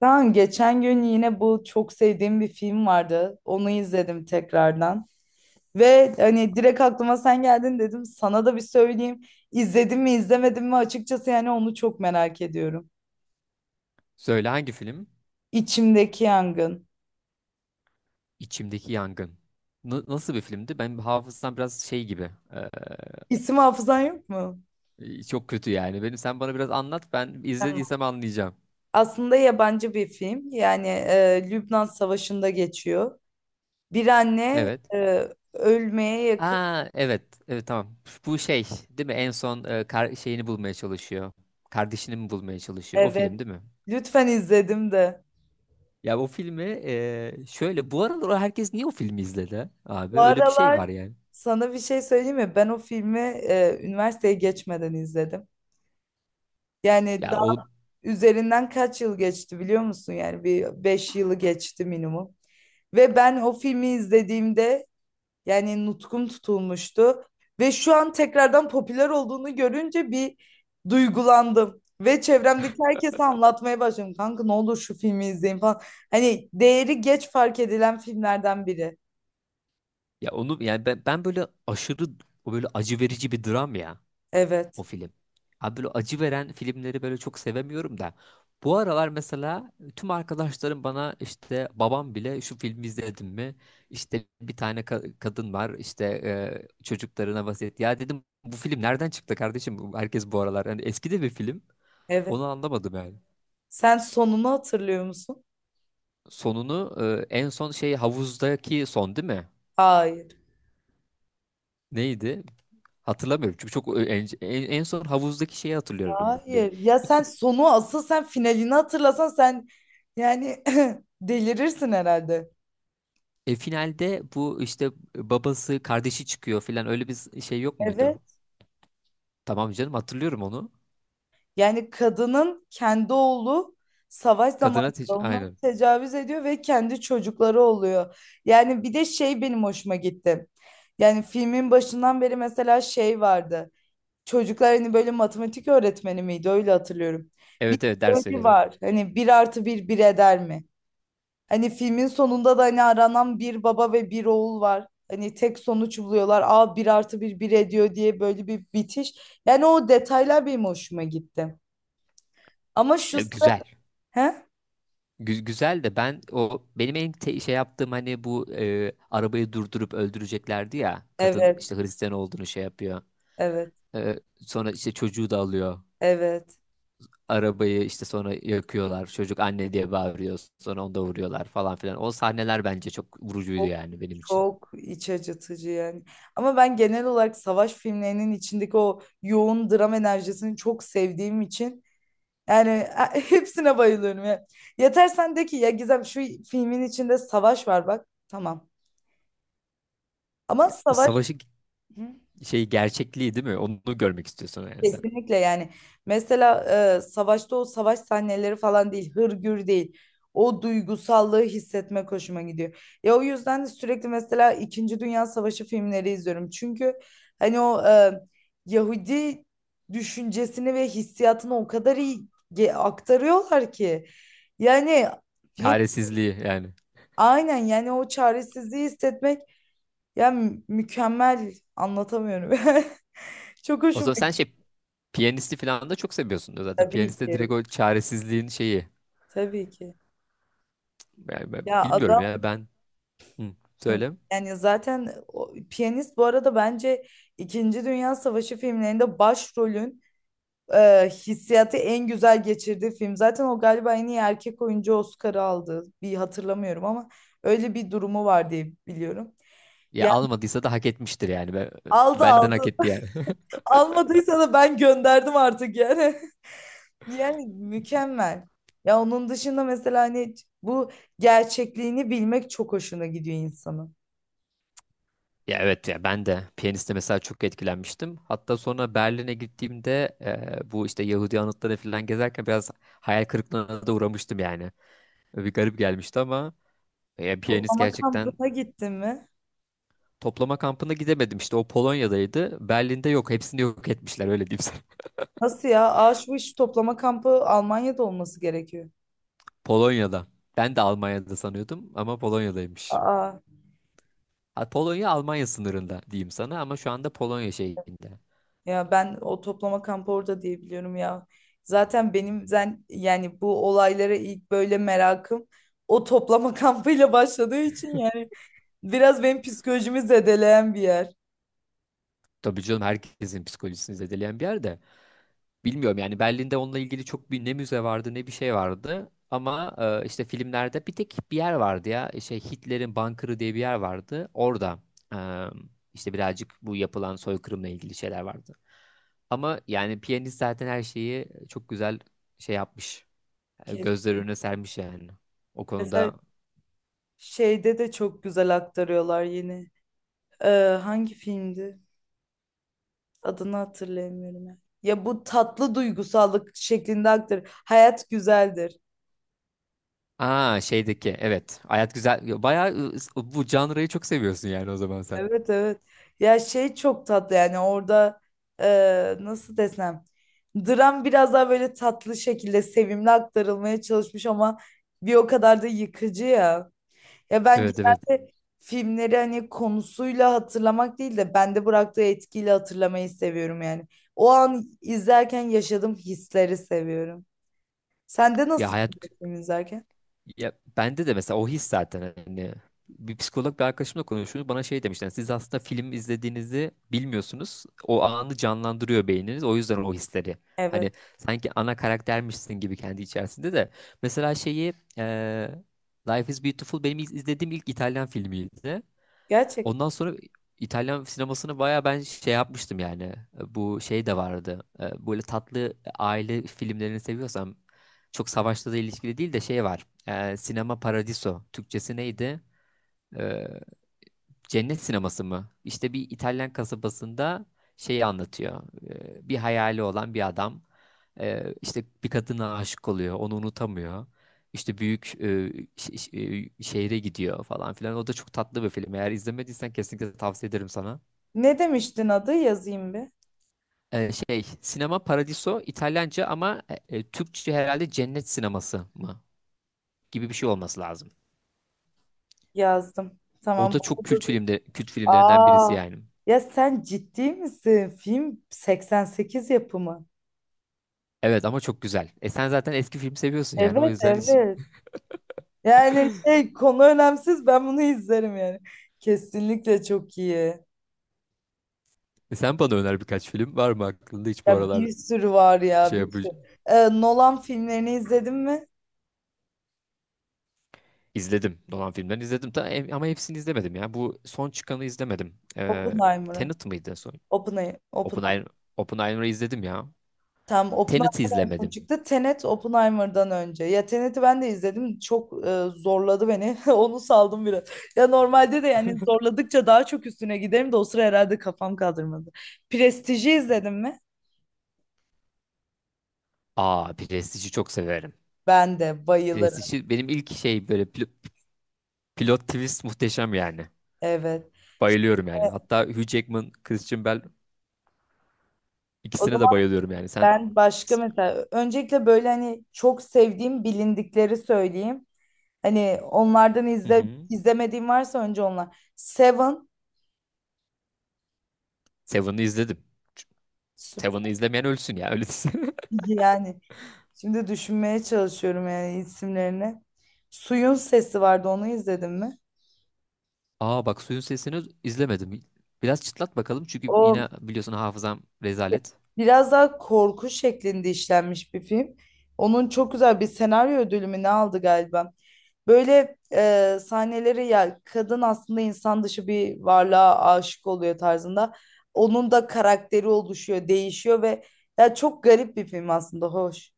Ben geçen gün yine bu çok sevdiğim bir film vardı. Onu izledim tekrardan. Ve hani direkt aklıma sen geldin dedim. Sana da bir söyleyeyim. İzledim mi izlemedim mi açıkçası yani onu çok merak ediyorum. Söyle, hangi film? İçimdeki Yangın. İçimdeki Yangın. Nasıl bir filmdi? Benim hafızam biraz şey gibi. İsim hafızan yok mu? Çok kötü yani. Benim sen bana biraz anlat. Ben Tamam. izlediysem anlayacağım. Aslında yabancı bir film. Yani Lübnan Savaşı'nda geçiyor. Bir anne Evet. Ölmeye yakın. Aa, evet. Evet, tamam. Bu şey değil mi? En son şeyini bulmaya çalışıyor. Kardeşini mi bulmaya çalışıyor? O Evet. film değil mi? Lütfen izledim de. Ya o filmi, şöyle, bu aralar herkes niye o filmi izledi abi? Bu Öyle bir şey aralar var yani. sana bir şey söyleyeyim mi? Ben o filmi üniversiteye geçmeden izledim. Yani Ya daha o üzerinden kaç yıl geçti biliyor musun? Yani bir 5 yılı geçti minimum. Ve ben o filmi izlediğimde yani nutkum tutulmuştu. Ve şu an tekrardan popüler olduğunu görünce bir duygulandım. Ve çevremdeki herkese anlatmaya başladım. Kanka ne olur şu filmi izleyin falan. Hani değeri geç fark edilen filmlerden biri. ya onu yani ben, ben böyle aşırı, o böyle acı verici bir dram ya, o Evet, film. Abi, böyle acı veren filmleri böyle çok sevemiyorum da. Bu aralar mesela tüm arkadaşlarım bana, işte babam bile, şu filmi izledin mi? İşte bir tane kadın var, işte çocuklarına vasiyet. Ya dedim, bu film nereden çıktı kardeşim? Herkes bu aralar. Yani eski de bir film. evet. Onu anlamadım yani. Sen sonunu hatırlıyor musun? Sonunu en son şey, havuzdaki son değil mi? Hayır. Neydi? Hatırlamıyorum çünkü çok en son havuzdaki şeyi hatırlıyorum bir. Hayır. Ya sen sonu, asıl sen finalini hatırlasan, sen yani delirirsin herhalde. E, finalde bu işte babası, kardeşi çıkıyor filan, öyle bir şey yok Evet. muydu? Tamam canım, hatırlıyorum onu. Yani kadının kendi oğlu savaş zamanında ona Aynen. tecavüz ediyor ve kendi çocukları oluyor. Yani bir de şey benim hoşuma gitti. Yani filmin başından beri mesela şey vardı. Çocuklar hani böyle matematik öğretmeni miydi? Öyle hatırlıyorum. Bir Evet evet, ders soru veriyordum. var. Hani bir artı bir bir eder mi? Hani filmin sonunda da hani aranan bir baba ve bir oğul var. Hani tek sonuç buluyorlar. Aa, bir artı bir bir ediyor diye böyle bir bitiş. Yani o detaylar benim hoşuma gitti. Ama şu... E, sıra... güzel. He? Güzel de, ben o benim şey yaptığım, hani bu arabayı durdurup öldüreceklerdi ya. Kadın Evet, işte Hristiyan olduğunu şey yapıyor. evet, E, sonra işte çocuğu da alıyor. evet. Arabayı işte sonra yakıyorlar. Çocuk anne diye bağırıyor. Sonra onu da vuruyorlar falan filan. O sahneler bence çok vurucuydu Çok, yani, benim için. çok iç acıtıcı yani. Ama ben genel olarak savaş filmlerinin içindeki o yoğun dram enerjisini çok sevdiğim için yani hepsine bayılıyorum ya. Yeter sen de ki, ya Gizem, şu filmin içinde savaş var bak. Tamam. Ama O savaş. savaşı Hı. şey, gerçekliği değil mi? Onu görmek istiyorsun yani sen. Kesinlikle yani, mesela savaşta o savaş sahneleri falan değil, hırgür değil, o duygusallığı hissetmek hoşuma gidiyor. Ya o yüzden de sürekli mesela İkinci Dünya Savaşı filmleri izliyorum, çünkü hani o Yahudi düşüncesini ve hissiyatını o kadar iyi aktarıyorlar ki yani, hep Çaresizliği yani. aynen yani, o çaresizliği hissetmek yani. Mükemmel anlatamıyorum. Çok O hoşuma zaman sen gitti, şey, piyanisti falan da çok seviyorsun da zaten. tabii Piyaniste ki, direkt o çaresizliğin şeyi. tabii ki. Yani ben Ya bilmiyorum adam. ya, ben. Hı, Hı. söyle. Yani zaten piyanist bu arada bence İkinci Dünya Savaşı filmlerinde başrolün hissiyatı en güzel geçirdiği film. Zaten o galiba en iyi erkek oyuncu Oscar'ı aldı. Bir hatırlamıyorum ama öyle bir durumu var diye biliyorum. Ya Yani almadıysa da hak etmiştir yani. Ben, aldı benden hak aldı. etti yani. Almadıysa da ben gönderdim artık yani. Yani mükemmel. Ya onun dışında mesela hani bu gerçekliğini bilmek çok hoşuna gidiyor insanın. Ya evet, ya ben de piyaniste mesela çok etkilenmiştim. Hatta sonra Berlin'e gittiğimde bu işte Yahudi anıtları falan gezerken biraz hayal kırıklığına da uğramıştım yani. Bir garip gelmişti ama piyanist Toplama gerçekten. kampına gittin mi? Toplama kampına gidemedim, işte o Polonya'daydı. Berlin'de yok, hepsini yok etmişler, öyle diyeyim sana. Nasıl ya? Aa, şu iş, toplama kampı Almanya'da olması gerekiyor. Polonya'da. Ben de Almanya'da sanıyordum ama Polonya'daymış. Aa, Ha, Polonya Almanya sınırında diyeyim sana ama şu anda Polonya şeyinde. ya ben o toplama kampı orada diye biliyorum ya. Zaten benim yani bu olaylara ilk böyle merakım o toplama kampıyla başladığı için yani biraz benim psikolojimi zedeleyen bir yer. Tabii canım, herkesin psikolojisini zedeleyen bir yerde. Bilmiyorum yani, Berlin'de onunla ilgili çok, bir ne müze vardı ne bir şey vardı. Ama işte filmlerde bir tek bir yer vardı ya. Şey, Hitler'in bunkerı diye bir yer vardı. Orada e, işte birazcık bu yapılan soykırımla ilgili şeyler vardı. Ama yani piyanist zaten her şeyi çok güzel şey yapmış. E, Kesin. gözler önüne sermiş yani. O konuda. Şeyde de çok güzel aktarıyorlar yine. Ee, Hangi filmdi? Adını hatırlayamıyorum ya. Ya bu tatlı duygusallık şeklinde aktar. Hayat güzeldir. Aa, şeydeki evet. Hayat güzel. Bayağı, bu janrayı çok seviyorsun yani o zaman sen. Evet, evet. Ya şey çok tatlı yani orada, nasıl desem. Dram biraz daha böyle tatlı şekilde, sevimli aktarılmaya çalışmış ama bir o kadar da yıkıcı ya. Ya ben Evet evet. genelde filmleri hani konusuyla hatırlamak değil de bende bıraktığı etkiyle hatırlamayı seviyorum yani. O an izlerken yaşadığım hisleri seviyorum. Sende Ya nasıl hayat, oluyor film izlerken? ya bende de mesela o his zaten, hani bir psikolog bir arkadaşımla konuşuyoruz, bana şey demişler, siz aslında film izlediğinizi bilmiyorsunuz, o anı canlandırıyor beyniniz, o yüzden o hisleri, Evet. hani sanki ana karaktermişsin gibi kendi içerisinde de mesela şeyi, Life is Beautiful benim izlediğim ilk İtalyan filmiydi. Gerçek. Ondan sonra İtalyan sinemasını baya ben şey yapmıştım yani. Bu şey de vardı. E, böyle tatlı aile filmlerini seviyorsam, çok savaşla da ilişkili değil de şey var. E, Sinema Paradiso. Türkçesi neydi? E, Cennet Sineması mı? İşte bir İtalyan kasabasında şeyi anlatıyor. Bir hayali olan bir adam, işte bir kadına aşık oluyor, onu unutamıyor. İşte büyük, ş- ş- şehre gidiyor falan filan. O da çok tatlı bir film. Eğer izlemediysen kesinlikle tavsiye ederim sana. Ne demiştin adı? Yazayım bir. Şey, Sinema Paradiso İtalyanca ama Türkçe herhalde Cennet Sineması mı gibi bir şey olması lazım. Yazdım. O Tamam. da çok Bu da-. kült filmde, kült filmlerinden birisi Aa. yani. Ya sen ciddi misin? Film 88 yapımı. Evet ama çok güzel. E, sen zaten eski film seviyorsun yani o Evet, yüzden hiç. evet. Yani şey, konu önemsiz, ben bunu izlerim yani. Kesinlikle çok iyi. E, sen bana öner, birkaç film var mı aklında hiç bu Ya aralar, bir sürü var ya, şey bir sürü. yapacağım. Nolan filmlerini izledin mi? İzledim. Nolan filmlerini izledim. Ama hepsini izlemedim ya. Bu son çıkanı izlemedim. Oppenheimer'ı. Tenet mıydı en son? Oppenheimer. Oppenheimer. Oppenheimer, Oppenheimer'ı izledim ya. Tam Tenet'i Oppenheimer en son izlemedim. çıktı. Tenet Oppenheimer'dan önce. Ya Tenet'i ben de izledim. Çok zorladı beni. Onu saldım biraz. Ya normalde de yani zorladıkça daha çok üstüne giderim de o sıra herhalde kafam kaldırmadı. Prestij'i izledin mi? Aa, Prestige'i çok severim. Ben de bayılırım. Prestige'i benim ilk şey, böyle pilot twist muhteşem yani. Evet. Bayılıyorum yani. Hatta Hugh Jackman, Christian Bale, O ikisine de zaman bayılıyorum yani. Sen. ben başka mesela, öncelikle böyle hani çok sevdiğim bilindikleri söyleyeyim. Hani onlardan Hı hı. izlemediğim varsa önce onlar. Seven Seven'ı izledim. Seven'ı süper izlemeyen ölsün ya. Öyle. yani. Şimdi düşünmeye çalışıyorum yani isimlerini. Suyun Sesi vardı, onu izledin mi? Aa bak, suyun sesini izlemedim. Biraz çıtlat bakalım çünkü yine O biliyorsun, hafızam rezalet. biraz daha korku şeklinde işlenmiş bir film. Onun çok güzel bir senaryo ödülü mü ne aldı galiba. Böyle sahneleri, ya kadın aslında insan dışı bir varlığa aşık oluyor tarzında. Onun da karakteri oluşuyor, değişiyor ve ya çok garip bir film aslında, hoş.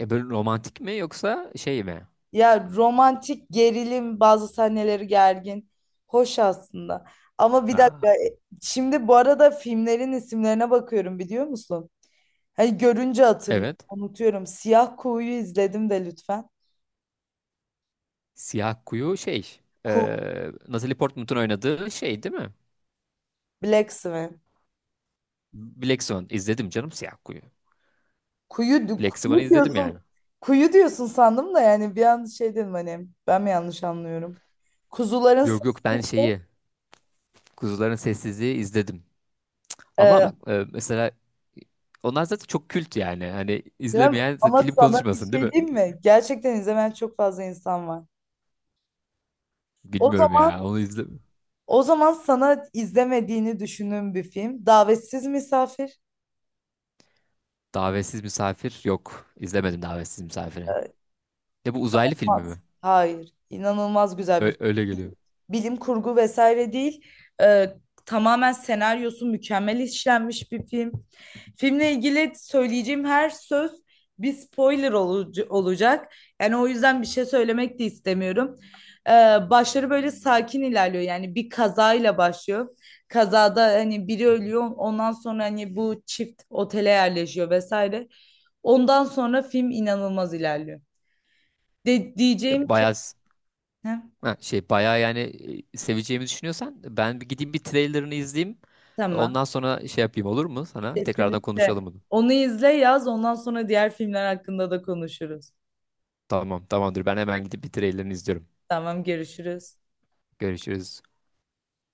E, böyle romantik mi yoksa şey mi? Ya, romantik gerilim, bazı sahneleri gergin. Hoş aslında. Ama bir dakika, Aa, şimdi bu arada filmlerin isimlerine bakıyorum biliyor musun? Hani görünce hatırlıyorum, evet. unutuyorum. Siyah Kuğu'yu izledim de lütfen. Siyah Kuyu şey. E, Ku Natalie Portman'ın oynadığı şey değil mi? Black Swan. Black Swan izledim canım, Siyah Kuyu. Kuyu, Black Swan'ı kuyu izledim yani. diyorsun. Kuyu diyorsun sandım da yani bir an şey dedim, hani ben mi yanlış anlıyorum? Kuzuların Yok sesi. yok, ben şeyi, Kuzuların Sessizliği izledim. Ama e, bak, mesela onlar zaten çok kült yani. Hani Cem, izlemeyen ama film sana bir konuşmasın değil şey mi? diyeyim mi? Gerçekten izlemeyen çok fazla insan var. O Bilmiyorum zaman ya, onu izle. O zaman sana izlemediğini düşündüğüm bir film. Davetsiz Misafir. Davetsiz misafir yok, İzlemedim davetsiz misafiri. Ne, bu uzaylı filmi Olmaz. mi? Hayır. İnanılmaz güzel bir Öyle geliyor. bilim kurgu vesaire değil. Ee, Tamamen senaryosu mükemmel işlenmiş bir film. Filmle ilgili söyleyeceğim her söz bir spoiler olacak. Yani o yüzden bir şey söylemek de istemiyorum. Ee, Başları böyle sakin ilerliyor. Yani bir kazayla başlıyor. Kazada hani biri ölüyor. Ondan sonra hani bu çift otele yerleşiyor vesaire. Ondan sonra film inanılmaz ilerliyor. De diyeceğim E, ki. bayağı Heh, ha, şey, bayağı yani, seveceğimi düşünüyorsan ben bir gideyim, bir trailerını izleyeyim. tamam. Ondan sonra şey yapayım, olur mu sana? Tekrardan Kesinlikle. konuşalım bunu. Onu izle, yaz. Ondan sonra diğer filmler hakkında da konuşuruz. Tamam, tamamdır, ben hemen gidip bir trailerını izliyorum. Tamam, görüşürüz. Görüşürüz.